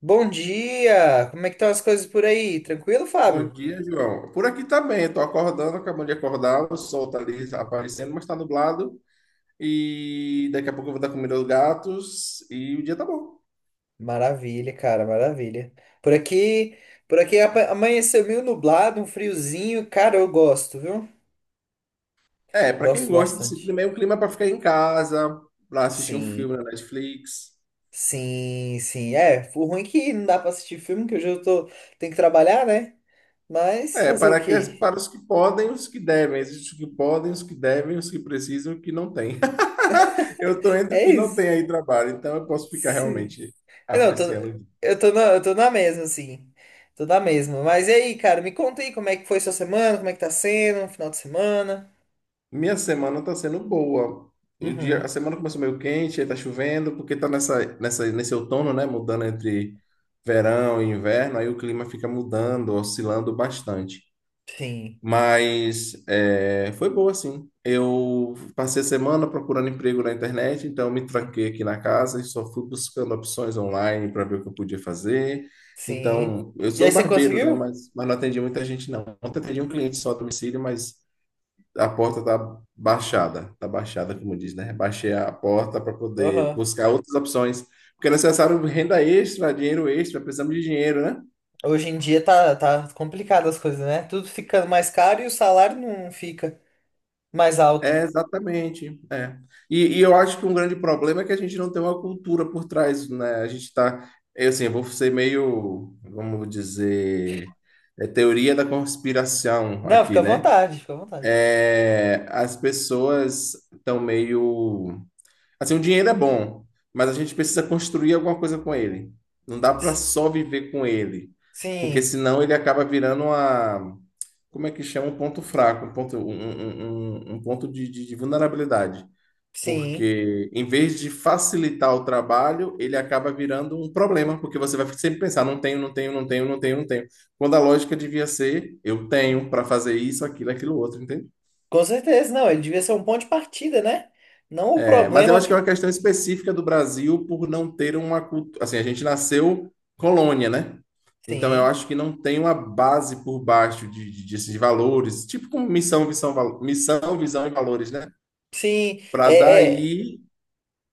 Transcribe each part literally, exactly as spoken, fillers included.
Bom dia! Como é que estão as coisas por aí? Tranquilo, Bom Fábio? dia, João. Por aqui tá bem, estou acordando, acabando de acordar, o sol tá ali aparecendo, mas tá nublado. E daqui a pouco eu vou dar comida aos gatos e o dia tá bom. Maravilha, cara, maravilha. Por aqui, por aqui apa- Amanheceu meio nublado, um friozinho. Cara, eu gosto, viu? É, para quem Gosto gosta desse bastante. clima, é um clima para ficar em casa, para assistir um Sim, filme na Netflix. sim, sim. É, o ruim é que não dá pra assistir filme, que hoje eu tô, tenho que trabalhar, né? Mas É, fazer o para, que, quê? Para os que podem, os que devem. Existem os que podem, os que devem, os que precisam, e os que não têm. Eu tô entre o É que não isso. tem aí trabalho, então eu posso ficar Sim. realmente É, Não, eu tô, apreciando. eu tô na, eu tô na mesma, assim. Tô na mesma. Mas e aí, cara, me conta aí como é que foi sua semana, como é que tá sendo, um final de semana. Minha semana tá sendo boa. O dia, a Uhum. semana começou meio quente, aí tá chovendo, porque tá nessa, nessa, nesse outono, né? Mudando entre verão e inverno, aí o clima fica mudando, oscilando bastante. Sim, Mas é, foi boa, sim. Eu passei a semana procurando emprego na internet, então eu me tranquei aqui na casa e só fui buscando opções online para ver o que eu podia fazer. sim. Então, eu E aí sou você barbeiro, né? conseguiu? Mas, mas não atendi muita gente, não. Ontem atendi um cliente só a domicílio, mas. A porta tá baixada, tá baixada, como diz, né? Baixei a porta para poder Aham. buscar outras opções, porque é necessário renda extra, dinheiro extra, precisamos de dinheiro, né? Hoje em dia tá, tá complicado as coisas, né? Tudo fica mais caro e o salário não fica mais alto. É, exatamente. É. E, e eu acho que um grande problema é que a gente não tem uma cultura por trás, né? A gente está, eu, assim, eu vou ser meio, vamos dizer, é, teoria da conspiração Não, fica aqui, à né? vontade, fica à vontade. É, as pessoas estão meio. Assim, o dinheiro é bom, mas a gente precisa construir alguma coisa com ele. Não dá para S- só viver com ele, porque Sim, senão ele acaba virando uma, como é que chama? Um ponto fraco, um ponto, um, um- um- um um ponto de, de- de vulnerabilidade. sim. Porque em vez de facilitar o trabalho, ele acaba virando um problema, porque você vai sempre pensar, não tenho, não tenho, não tenho, não tenho, não tenho. Quando a lógica devia ser, eu tenho para fazer isso, aquilo, aquilo, outro, entende? Com certeza. Não, ele devia ser um ponto de partida, né? Não o É, mas eu problema acho que é que. uma questão específica do Brasil por não ter uma cultura. Assim, a gente nasceu colônia, né? Então eu Sim, acho que não tem uma base por baixo de, de, de, valores, tipo como missão, visão, val- missão, visão e valores, né? sim. Para É, é... daí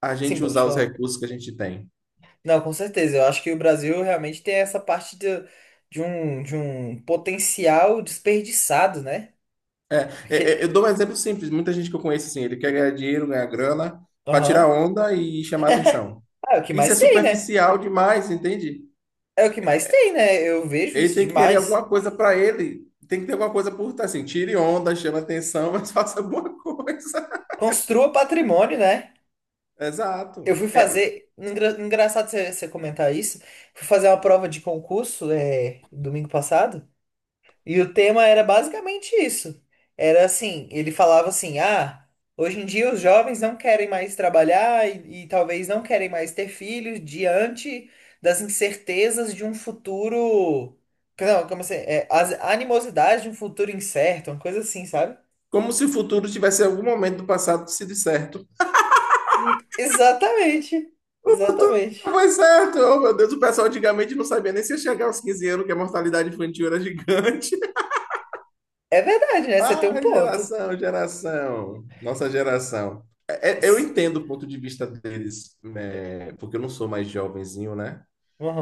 a Sim, gente pô, deixa eu usar os falar. recursos que a gente tem. Não, com certeza. Eu acho que o Brasil realmente tem essa parte de, de um, de um potencial desperdiçado, né? É, é, eu Porque dou um exemplo simples. Muita gente que eu conheço assim, ele quer ganhar dinheiro, ganhar grana, para tirar aham. onda e chamar atenção. Ah, é o que Isso é mais tem, né? superficial demais, entende? É o que mais tem, né? Eu vejo Ele isso tem que querer demais. alguma coisa para ele. Tem que ter alguma coisa por tá assim, tire onda, chame atenção, mas faça alguma coisa. Construa patrimônio, né? Eu Exato. fui É fazer. Engra- Engraçado você você comentar isso. Fui fazer uma prova de concurso é, domingo passado. E o tema era basicamente isso. Era assim, ele falava assim: "Ah, hoje em dia os jovens não querem mais trabalhar e, e talvez não querem mais ter filhos diante das incertezas de um futuro, não, como assim, é, as animosidades de um futuro incerto, uma coisa assim, sabe? como se o futuro tivesse algum momento do passado sido certo. Hum, Exatamente. O futuro nunca Exatamente. foi certo. Oh, meu Deus, o pessoal antigamente não sabia nem se ia chegar aos quinze anos, que a mortalidade infantil era gigante. É verdade, né? Você tem um Ai, ponto. geração, geração. Nossa geração. É, é, eu Se- entendo o ponto de vista deles, né, porque eu não sou mais jovenzinho, né?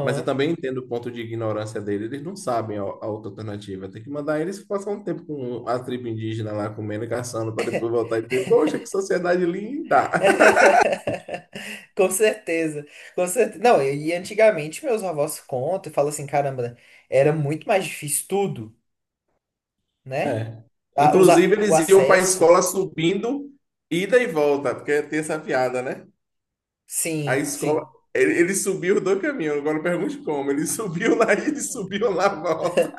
Mas eu também entendo o ponto de ignorância dele. Eles não sabem a, a outra alternativa. Tem que mandar eles passar um tempo com a tribo indígena lá comendo e caçando para depois voltar e dizer: poxa, que sociedade linda! Com certeza, com certeza. Não, e e antigamente meus avós contam e falam assim, caramba, era muito mais difícil tudo, né? É. A- os a- Inclusive, O eles iam para a acesso, escola subindo, ida e volta, porque tem essa piada, né? A sim, escola. sim. Ele, ele subiu os dois caminhos, agora pergunte como. Ele subiu na ida e subiu na volta.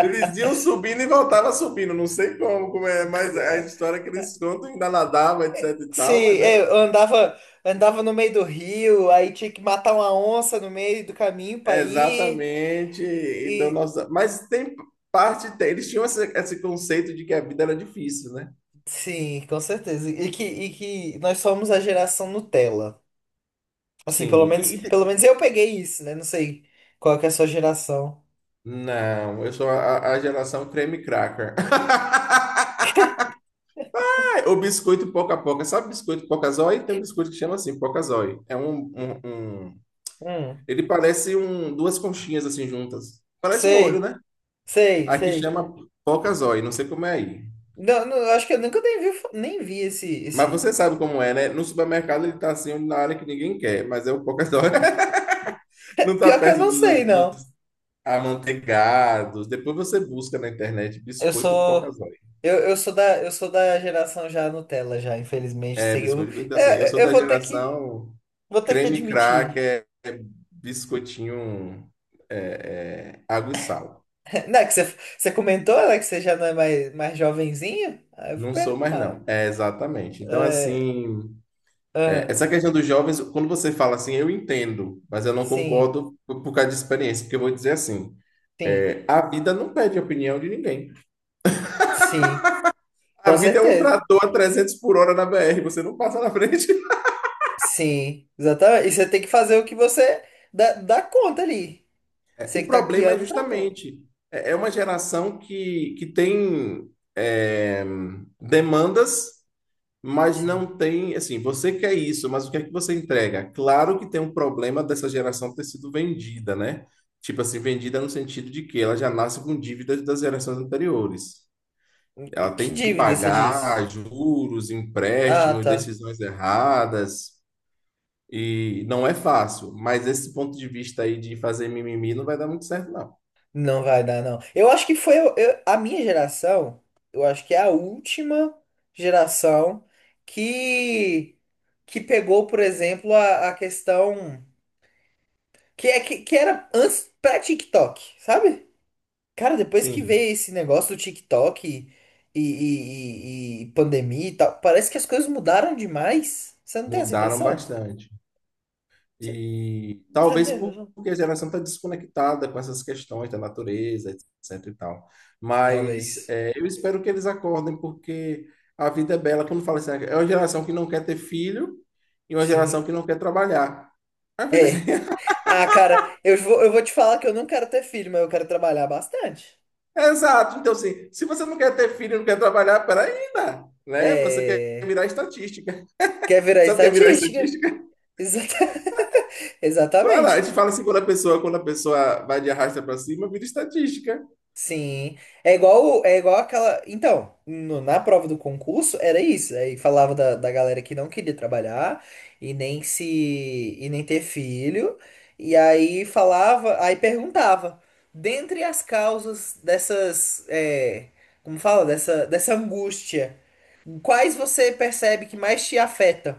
Eles iam subindo e voltavam subindo, não sei como, como é, mas é a C- história que eles contam ainda nadava, etc e Sim, tal, mas era. é, eu andava, andava no meio do rio, aí tinha que matar uma onça no meio do caminho pra ir. Exatamente. Então, E nossa, mas tem parte, tem- eles tinham esse, esse conceito de que a vida era difícil, né? sim, com certeza. E que, e que nós somos a geração Nutella. Assim, pelo Sim. menos, E- e te- pelo menos eu peguei isso, né? Não sei qual que é a sua geração. não, eu sou a, a geração creme cracker. O biscoito poca poca, sabe biscoito poca zói? Tem um biscoito que chama assim, poca zói. É um, um, um- Hum, ele parece um duas conchinhas assim juntas. Parece um olho, sei, né? sei, Aqui sei. chama poca zói, não sei como é aí. Não, não, eu acho que eu nunca nem vi, nem vi esse, Mas esse. você sabe como é, né? No supermercado ele tá assim na área que ninguém quer, mas é o poca zói. Não está Pior que eu perto não sei, dos, não. dos amanteigados. Depois você busca na internet Eu biscoito sou, pocazói. eu, eu sou da, eu sou da geração já Nutella, já, infelizmente. É, Sei, que eu, biscoito então, assim. Eu sou é, eu da vou ter que, geração vou ter que creme admitir. cracker, biscoitinho, é, é, água e sal. Não, é que você, você comentou, né, que você já não é mais, mais jovenzinho? Aí eu vou Não sou mais, perguntar. não. É, exatamente. Então, É, assim, é, aham, essa questão dos jovens, quando você fala assim, eu entendo, mas eu não sim, concordo por, por causa de experiência, porque eu vou dizer assim, sim, é, a vida não pede opinião de ninguém. sim, A com vida é um certeza. trator a trezentos por hora na B R, você não passa na frente. Sim, exatamente. E você tem que fazer o que você dá, dá conta ali. O Você que tá problema é guiando o trator. justamente, é é uma geração que, que tem é, demandas, mas Sim. não tem, assim, você quer isso, mas o que é que você entrega? Claro que tem um problema dessa geração ter sido vendida, né? Tipo assim, vendida no sentido de que ela já nasce com dívidas das gerações anteriores. E Ela que tem que dívida você disse? pagar juros, Ah, empréstimos, tá. decisões erradas, e não é fácil, mas esse ponto de vista aí de fazer mimimi não vai dar muito certo, não. Não vai dar, não. Eu acho que foi eu- eu- A minha geração, eu acho que é a última geração que, que pegou, por exemplo, a, a questão que, é, que, que era antes pré-TikTok, sabe? Cara, depois que Sim. veio esse negócio do TikTok e, e, e- e pandemia e tal, parece que as coisas mudaram demais. Você não tem essa Mudaram impressão? bastante. Você, E você não talvez tem essa impressão? porque a geração está desconectada com essas questões da natureza, etc e tal. Mas Talvez. é, eu espero que eles acordem, porque a vida é bela. Quando fala assim, "Ah, é uma geração que não quer ter filho e uma geração Sim. que não quer trabalhar." Aí fica assim, É. Ah, cara, eu vou, eu vou te falar que eu não quero ter filho, mas eu quero trabalhar bastante. exato. Então, assim, se você não quer ter filho e não quer trabalhar, peraí, né? Né? Você quer É. virar estatística. Quer virar Sabe o que é virar estatística? estatística? Exata- Olha lá, a Exatamente. gente fala assim, quando a pessoa, quando a pessoa vai de arrasta para cima, vira estatística. Sim, é igual, é igual aquela. Então, no- na prova do concurso era isso. Aí falava da, da galera que não queria trabalhar e nem se e nem ter filho. E aí falava, aí perguntava, dentre as causas dessas, é, como fala, dessa, dessa angústia, quais você percebe que mais te afeta?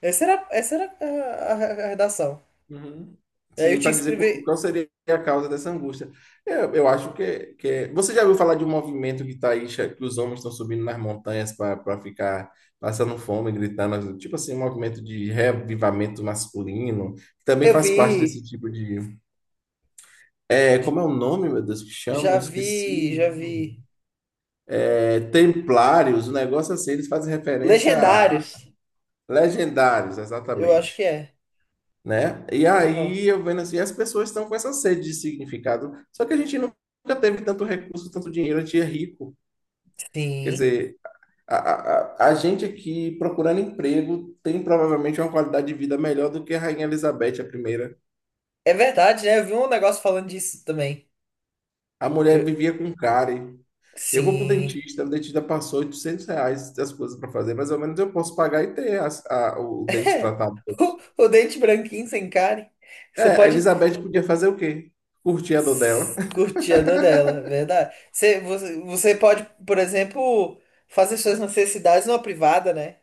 Essa era, essa era a, a- a redação. Uhum. E aí eu Sim, tinha para que dizer qual escrever. qual seria a causa dessa angústia. Eu, eu acho que, é- que é- você já ouviu falar de um movimento que tá aí, che- que os homens estão subindo nas montanhas para ficar passando fome, gritando, tipo assim, um movimento de reavivamento masculino, que também Eu faz parte desse vi, tipo de. É, j- como é o nome, meu Deus, que chamam? já Eu esqueci. vi, já vi. É, templários, o negócio assim, eles fazem referência. Legendários, Legendários, eu acho que exatamente. é. Né? E Aham. aí eu vendo assim, as pessoas estão com essa sede de significado, só que a gente nunca teve tanto recurso, tanto dinheiro, a gente é rico. Quer Sim. dizer, a, a, a gente aqui procurando emprego tem provavelmente uma qualidade de vida melhor do que a Rainha Elizabeth, a primeira. É verdade, né? Eu vi um negócio falando disso também. A mulher Eu- vivia com cárie. Eu vou pro Sim. dentista, o dentista passou oitocentos reais das coisas para fazer, mais ou menos eu posso pagar e ter as- a- o dente tratado todos. O dente branquinho sem cárie. Você É, a pode Elizabeth podia fazer o quê? Curtir a dor dela. s- curtir a dor dela, é verdade. Você, você, você pode, por exemplo, fazer suas necessidades numa privada, né?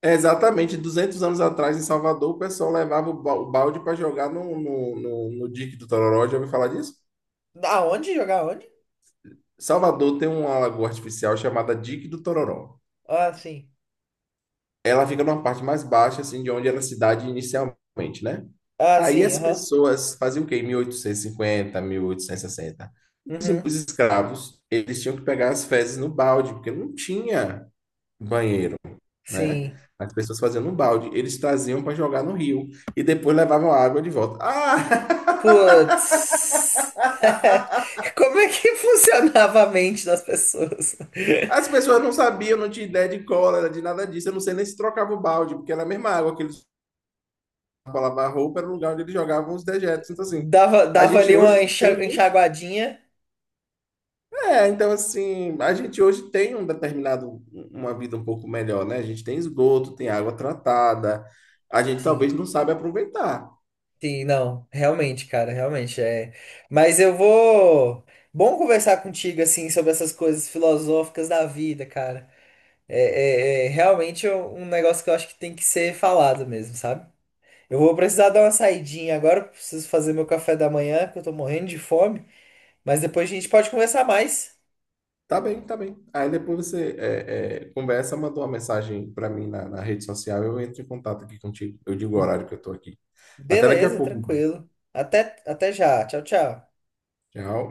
É, exatamente, duzentos anos atrás em Salvador, o pessoal levava o ba- o balde para jogar no, no, no, no Dique do Tororó. Já ouviu falar disso? Aonde? Jogar onde? Salvador tem uma lagoa artificial chamada Dique do Tororó. Ah, sim. Ela fica numa parte mais baixa, assim, de onde era a cidade inicialmente, né? Ah, Aí sim, as aham. pessoas faziam o quê? Em mil oitocentos e cinquenta, mil oitocentos e sessenta, Uhum. escravos, eles tinham que pegar as fezes no balde, porque não tinha banheiro, né? Sim. As pessoas faziam no balde, eles traziam para jogar no rio e depois levavam a água de volta. Ah! Putz. Como é que funcionava a mente das pessoas? As pessoas não sabiam, não tinha ideia de cólera, de nada disso. Eu não sei nem se trocava o balde, porque era a mesma água que eles lavavam a roupa, era o lugar onde eles jogavam os dejetos. Então, assim, Dava, a dava gente ali uma hoje enxa- tem. Um, enxaguadinha. é, então, assim, a gente hoje tem um determinado. Uma vida um pouco melhor, né? A gente tem esgoto, tem água tratada. A gente talvez Sim, não sabe aproveitar. sim, não, realmente, cara, realmente é. Mas eu vou. Bom conversar contigo, assim, sobre essas coisas filosóficas da vida, cara. É, é, é realmente é um negócio que eu acho que tem que ser falado mesmo, sabe? Eu vou precisar dar uma saidinha agora, eu preciso fazer meu café da manhã, que eu tô morrendo de fome. Mas depois a gente pode conversar mais. Tá bem, tá bem. Aí depois você é, é, conversa, mandou uma mensagem para mim na, na rede social, eu entro em contato aqui contigo. Eu digo o horário que eu tô aqui. Até daqui a Beleza, pouco, então. tranquilo. Até, até já. Tchau, tchau. Tchau.